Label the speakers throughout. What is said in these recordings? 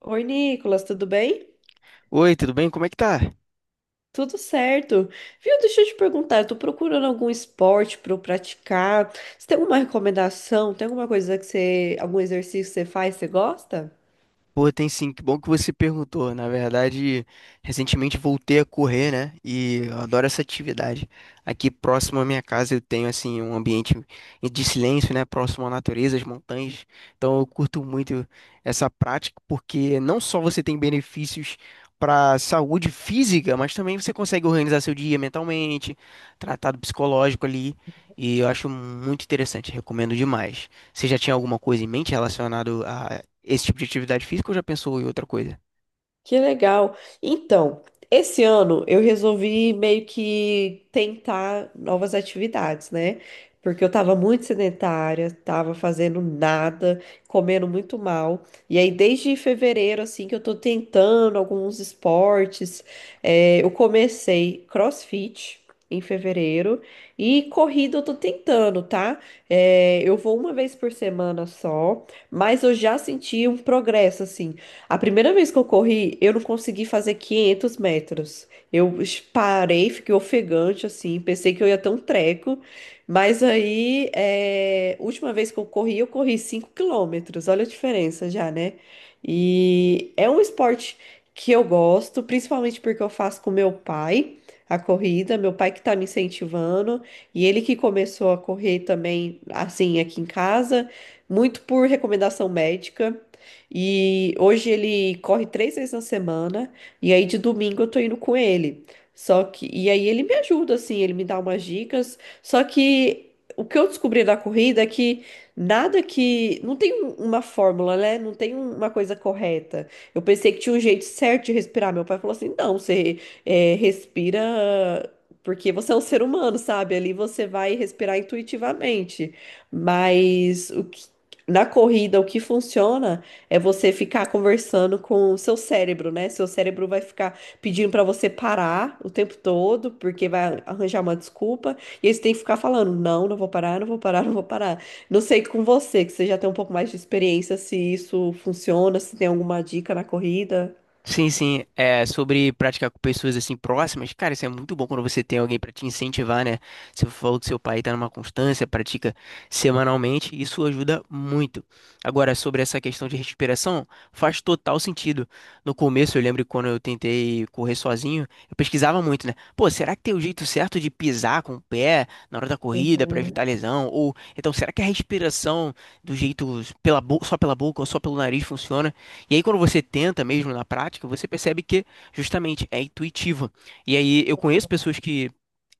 Speaker 1: Oi, Nicolas, tudo bem?
Speaker 2: Oi, tudo bem? Como é que tá?
Speaker 1: Tudo certo. Viu, deixa eu te perguntar, eu tô procurando algum esporte para eu praticar. Você tem alguma recomendação? Tem alguma coisa que você, algum exercício que você faz, você gosta?
Speaker 2: Pô, tem sim, que bom que você perguntou. Na verdade, recentemente voltei a correr, né? E eu adoro essa atividade. Aqui próximo à minha casa eu tenho, assim, um ambiente de silêncio, né? Próximo à natureza, às montanhas. Então eu curto muito essa prática, porque não só você tem benefícios para saúde física, mas também você consegue organizar seu dia mentalmente, tratado psicológico ali. E eu acho muito interessante, recomendo demais. Você já tinha alguma coisa em mente relacionada esse tipo de atividade física ou já pensou em outra coisa?
Speaker 1: Que legal. Então, esse ano eu resolvi meio que tentar novas atividades, né? Porque eu tava muito sedentária, tava fazendo nada, comendo muito mal. E aí, desde fevereiro, assim, que eu tô tentando alguns esportes. É, eu comecei CrossFit. Em fevereiro e corrida eu tô tentando, tá? É, eu vou uma vez por semana só, mas eu já senti um progresso assim. A primeira vez que eu corri, eu não consegui fazer 500 metros. Parei, fiquei ofegante, assim, pensei que eu ia ter um treco. Mas aí, é, última vez que eu corri 5 quilômetros. Olha a diferença já, né? E é um esporte que eu gosto, principalmente porque eu faço com meu pai a corrida, meu pai que tá me incentivando, e ele que começou a correr também, assim, aqui em casa, muito por recomendação médica. E hoje ele corre três vezes na semana, e aí de domingo eu tô indo com ele. Só que, e aí ele me ajuda, assim, ele me dá umas dicas. Só que o que eu descobri da corrida é que. Não tem uma fórmula, né? Não tem uma coisa correta. Eu pensei que tinha um jeito certo de respirar. Meu pai falou assim: não, você respira. Porque você é um ser humano, sabe? Ali você vai respirar intuitivamente. Mas o que na corrida, o que funciona é você ficar conversando com o seu cérebro, né? Seu cérebro vai ficar pedindo pra você parar o tempo todo, porque vai arranjar uma desculpa, e aí você tem que ficar falando: não, não vou parar, não vou parar, não vou parar. Não sei com você, que você já tem um pouco mais de experiência, se isso funciona, se tem alguma dica na corrida.
Speaker 2: Sim, sim, é sobre praticar com pessoas assim próximas. Cara, isso é muito bom quando você tem alguém pra te incentivar, né? Você falou que seu pai tá numa constância, pratica semanalmente, isso ajuda muito. Agora, sobre essa questão de respiração, faz total sentido. No começo, eu lembro que quando eu tentei correr sozinho, eu pesquisava muito, né? Pô, será que tem o jeito certo de pisar com o pé na hora da corrida pra
Speaker 1: Uhum.
Speaker 2: evitar lesão? Ou então, será que a respiração do jeito só pela boca ou só pelo nariz funciona? E aí, quando você tenta mesmo na prática, você percebe que justamente é intuitiva. E aí, eu conheço pessoas que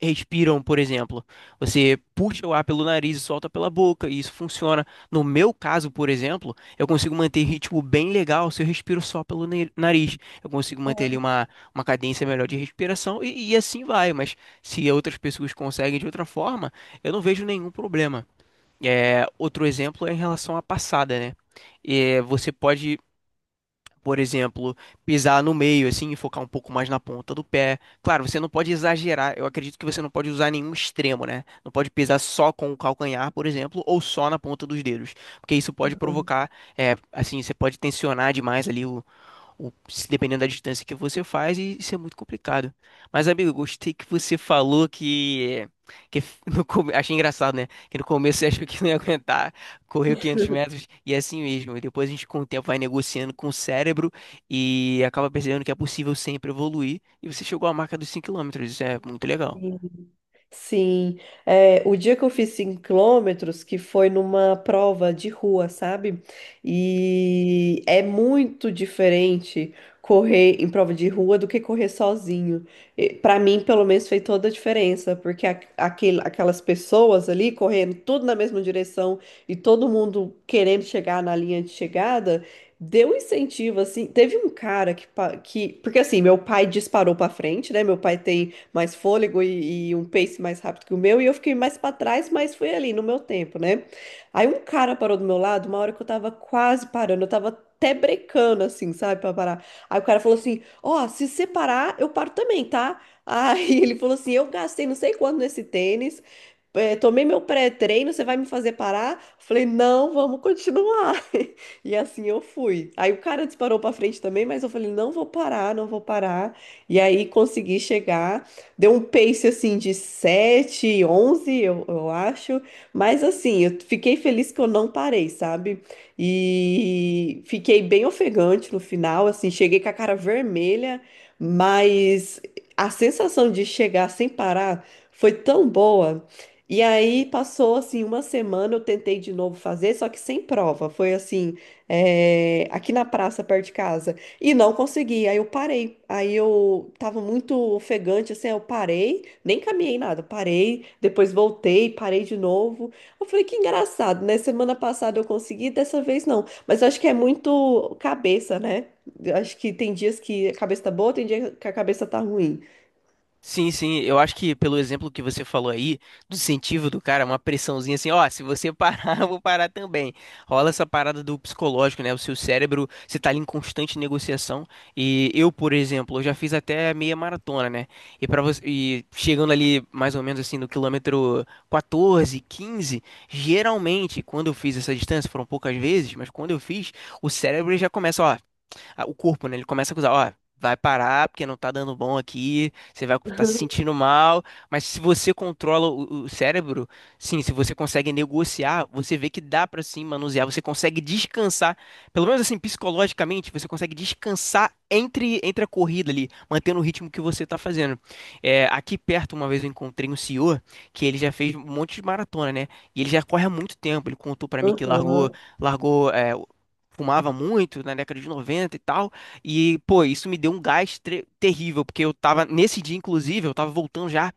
Speaker 2: respiram, por exemplo. Você puxa o ar pelo nariz e solta pela boca, e isso funciona. No meu caso, por exemplo, eu consigo manter ritmo bem legal se eu respiro só nariz. Eu consigo manter ali uma cadência melhor de respiração e assim vai. Mas se outras pessoas conseguem de outra forma, eu não vejo nenhum problema. É, outro exemplo é em relação à passada, né? É, você pode por exemplo, pisar no meio, assim, e focar um pouco mais na ponta do pé. Claro, você não pode exagerar. Eu acredito que você não pode usar nenhum extremo, né? Não pode pisar só com o calcanhar, por exemplo, ou só na ponta dos dedos. Porque isso pode provocar, é, assim, você pode tensionar demais ali se dependendo da distância que você faz, e isso é muito complicado. Mas, amigo, gostei que você falou que no, come- achei engraçado, né? Que no começo você achou que não ia aguentar, correu 500 metros e é assim mesmo. E depois a gente, com o tempo, vai negociando com o cérebro e acaba percebendo que é possível sempre evoluir. E você chegou à marca dos 5 km, isso é muito legal.
Speaker 1: Uhum. Sim, é, o dia que eu fiz 5 quilômetros, que foi numa prova de rua, sabe? E é muito diferente correr em prova de rua do que correr sozinho. E, pra mim, pelo menos, fez toda a diferença, porque aquelas pessoas ali correndo tudo na mesma direção e todo mundo querendo chegar na linha de chegada. Deu um incentivo, assim. Teve um cara que. Porque, assim, meu pai disparou pra frente, né? Meu pai tem mais fôlego e um pace mais rápido que o meu, e eu fiquei mais para trás, mas fui ali no meu tempo, né? Aí um cara parou do meu lado, uma hora que eu tava quase parando, eu tava até brecando, assim, sabe, pra parar. Aí o cara falou assim: Ó, se separar, eu paro também, tá? Aí ele falou assim: Eu gastei não sei quanto nesse tênis, tomei meu pré-treino, você vai me fazer parar? Falei: Não, vamos continuar. E assim eu fui. Aí o cara disparou pra frente também, mas eu falei: Não vou parar, não vou parar. E aí consegui chegar. Deu um pace assim de 7 11 eu acho. Mas assim, eu fiquei feliz que eu não parei, sabe? E fiquei bem ofegante no final, assim, cheguei com a cara vermelha, mas a sensação de chegar sem parar foi tão boa. E aí passou assim uma semana, eu tentei de novo fazer, só que sem prova. Foi assim, é, aqui na praça perto de casa. E não consegui, aí eu parei. Aí eu tava muito ofegante, assim, aí eu parei, nem caminhei nada, parei, depois voltei, parei de novo. Eu falei, que engraçado, né? Semana passada eu consegui, dessa vez não. Mas eu acho que é muito cabeça, né? Eu acho que tem dias que a cabeça tá boa, tem dia que a cabeça tá ruim.
Speaker 2: Sim, sim, eu acho que pelo exemplo que você falou aí, do incentivo do cara, uma pressãozinha assim, ó, se você parar, eu vou parar também. Rola essa parada do psicológico, né? O seu cérebro, você tá ali em constante negociação. E eu, por exemplo, eu já fiz até meia maratona, né? E para você, e chegando ali mais ou menos assim no quilômetro 14, 15, geralmente quando eu fiz essa distância, foram poucas vezes, mas quando eu fiz, o cérebro já começa, ó, o corpo, né? Ele começa a acusar, ó, vai parar porque não tá dando bom aqui, você vai estar se
Speaker 1: Aham.
Speaker 2: sentindo mal, mas se você controla o cérebro, sim, se você consegue negociar, você vê que dá pra sim manusear, você consegue descansar, pelo menos assim, psicologicamente, você consegue descansar entre a corrida ali, mantendo o ritmo que você tá fazendo. É, aqui perto, uma vez eu encontrei um senhor que ele já fez um monte de maratona, né? E ele já corre há muito tempo. Ele contou pra mim que largou, largou é, fumava muito né, na década de 90 e tal. E, pô, isso me deu um gás terrível, porque eu tava, nesse dia, inclusive, eu tava voltando já,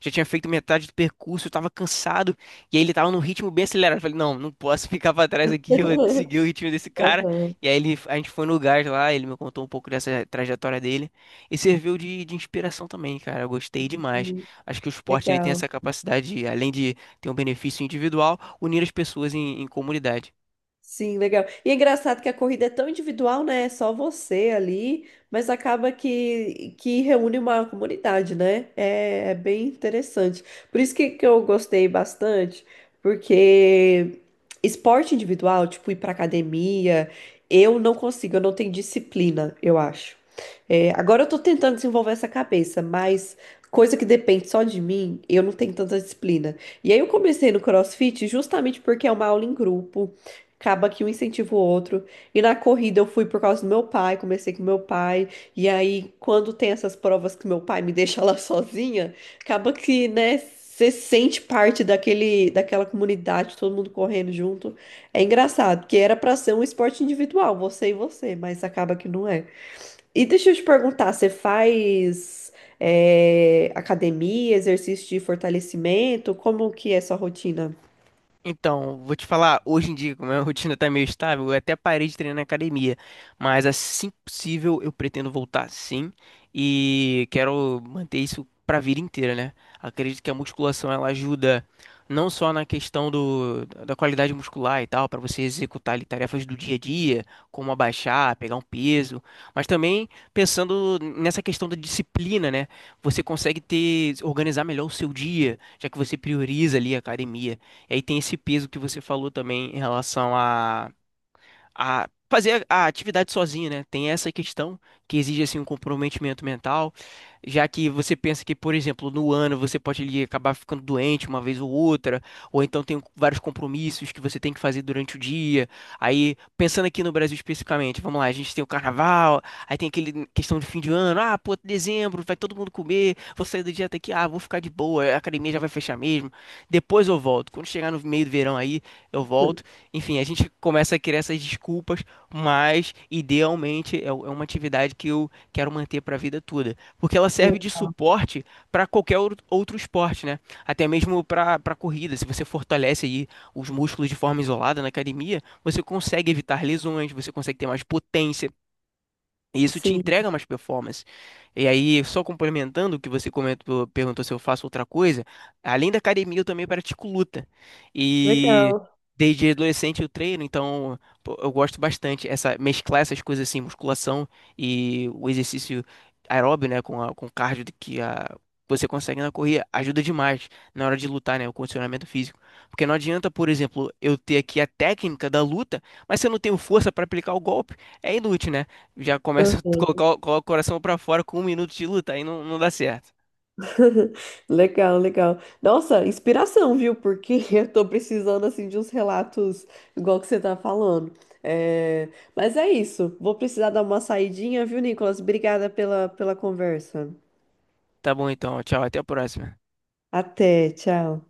Speaker 2: já tinha feito metade do percurso, eu tava cansado, e aí ele tava num ritmo bem acelerado. Eu falei, não, não posso ficar pra trás aqui, eu vou seguir o ritmo desse cara.
Speaker 1: Aham.
Speaker 2: E aí ele, a gente foi no gás lá, ele me contou um pouco dessa trajetória dele, e serviu de inspiração também, cara. Eu gostei demais.
Speaker 1: Sim.
Speaker 2: Acho que o esporte ele tem
Speaker 1: Legal.
Speaker 2: essa capacidade, de, além de ter um benefício individual, unir as pessoas em comunidade.
Speaker 1: Sim, legal. E é engraçado que a corrida é tão individual, né? É só você ali, mas acaba que reúne uma comunidade, né? É, é bem interessante. Por isso que eu gostei bastante, porque esporte individual, tipo ir pra academia, eu não consigo, eu não tenho disciplina, eu acho. É, agora eu tô tentando desenvolver essa cabeça, mas coisa que depende só de mim, eu não tenho tanta disciplina. E aí eu comecei no CrossFit justamente porque é uma aula em grupo. Acaba que um incentiva o outro. E na corrida eu fui por causa do meu pai, comecei com meu pai. E aí, quando tem essas provas que meu pai me deixa lá sozinha, acaba que, né, você sente parte daquela comunidade, todo mundo correndo junto. É engraçado, porque era pra ser um esporte individual, você e você, mas acaba que não é. E deixa eu te perguntar, você faz, academia, exercício de fortalecimento? Como que é sua rotina?
Speaker 2: Então, vou te falar, hoje em dia, como a minha rotina tá meio estável, eu até parei de treinar na academia, mas assim que possível eu pretendo voltar sim e quero manter isso pra vida inteira, né? Acredito que a musculação ela ajuda não só na questão da qualidade muscular e tal, pra você executar ali, tarefas do dia a dia, como abaixar, pegar um peso, mas também pensando nessa questão da disciplina, né? Você consegue ter organizar melhor o seu dia, já que você prioriza ali a academia. E aí tem esse peso que você falou também em relação a fazer a atividade sozinho, né? Tem essa questão que exige assim um comprometimento mental, já que você pensa que, por exemplo, no ano você pode ali acabar ficando doente uma vez ou outra, ou então tem vários compromissos que você tem que fazer durante o dia. Aí, pensando aqui no Brasil especificamente, vamos lá, a gente tem o carnaval, aí tem aquele questão de fim de ano, ah, pô, dezembro, vai todo mundo comer, vou sair da dieta aqui, ah, vou ficar de boa, a academia já vai fechar mesmo. Depois eu volto. Quando chegar no meio do verão aí, eu volto.
Speaker 1: Hum.
Speaker 2: Enfim, a gente começa a criar essas desculpas, mas idealmente é é uma atividade que eu quero manter para a vida toda, porque ela serve
Speaker 1: Le-
Speaker 2: de suporte para qualquer outro esporte, né? Até mesmo para corrida. Se você fortalece aí os músculos de forma isolada na academia, você consegue evitar lesões, você consegue ter mais potência. E isso te
Speaker 1: Sim.
Speaker 2: entrega mais performance. E aí, só complementando o que você comentou, perguntou se eu faço outra coisa, além da academia, eu também pratico luta.
Speaker 1: le-
Speaker 2: E desde adolescente eu treino, então pô, eu gosto bastante essa mesclar essas coisas assim, musculação e o exercício aeróbio, né, com o cardio que a Você consegue na corrida, ajuda demais na hora de lutar, né? O condicionamento físico. Porque não adianta, por exemplo, eu ter aqui a técnica da luta, mas se eu não tenho força para aplicar o golpe, é inútil, né? Já começa a colocar, coloca o coração pra fora com um minuto de luta, aí não, não dá certo.
Speaker 1: Legal, legal. Nossa, inspiração, viu? Porque eu tô precisando, assim, de uns relatos igual que você tá falando. É, mas é isso. Vou precisar dar uma saidinha, viu, Nicolas? Obrigada pela, pela conversa.
Speaker 2: Tá bom então, tchau, até a próxima.
Speaker 1: Até, tchau.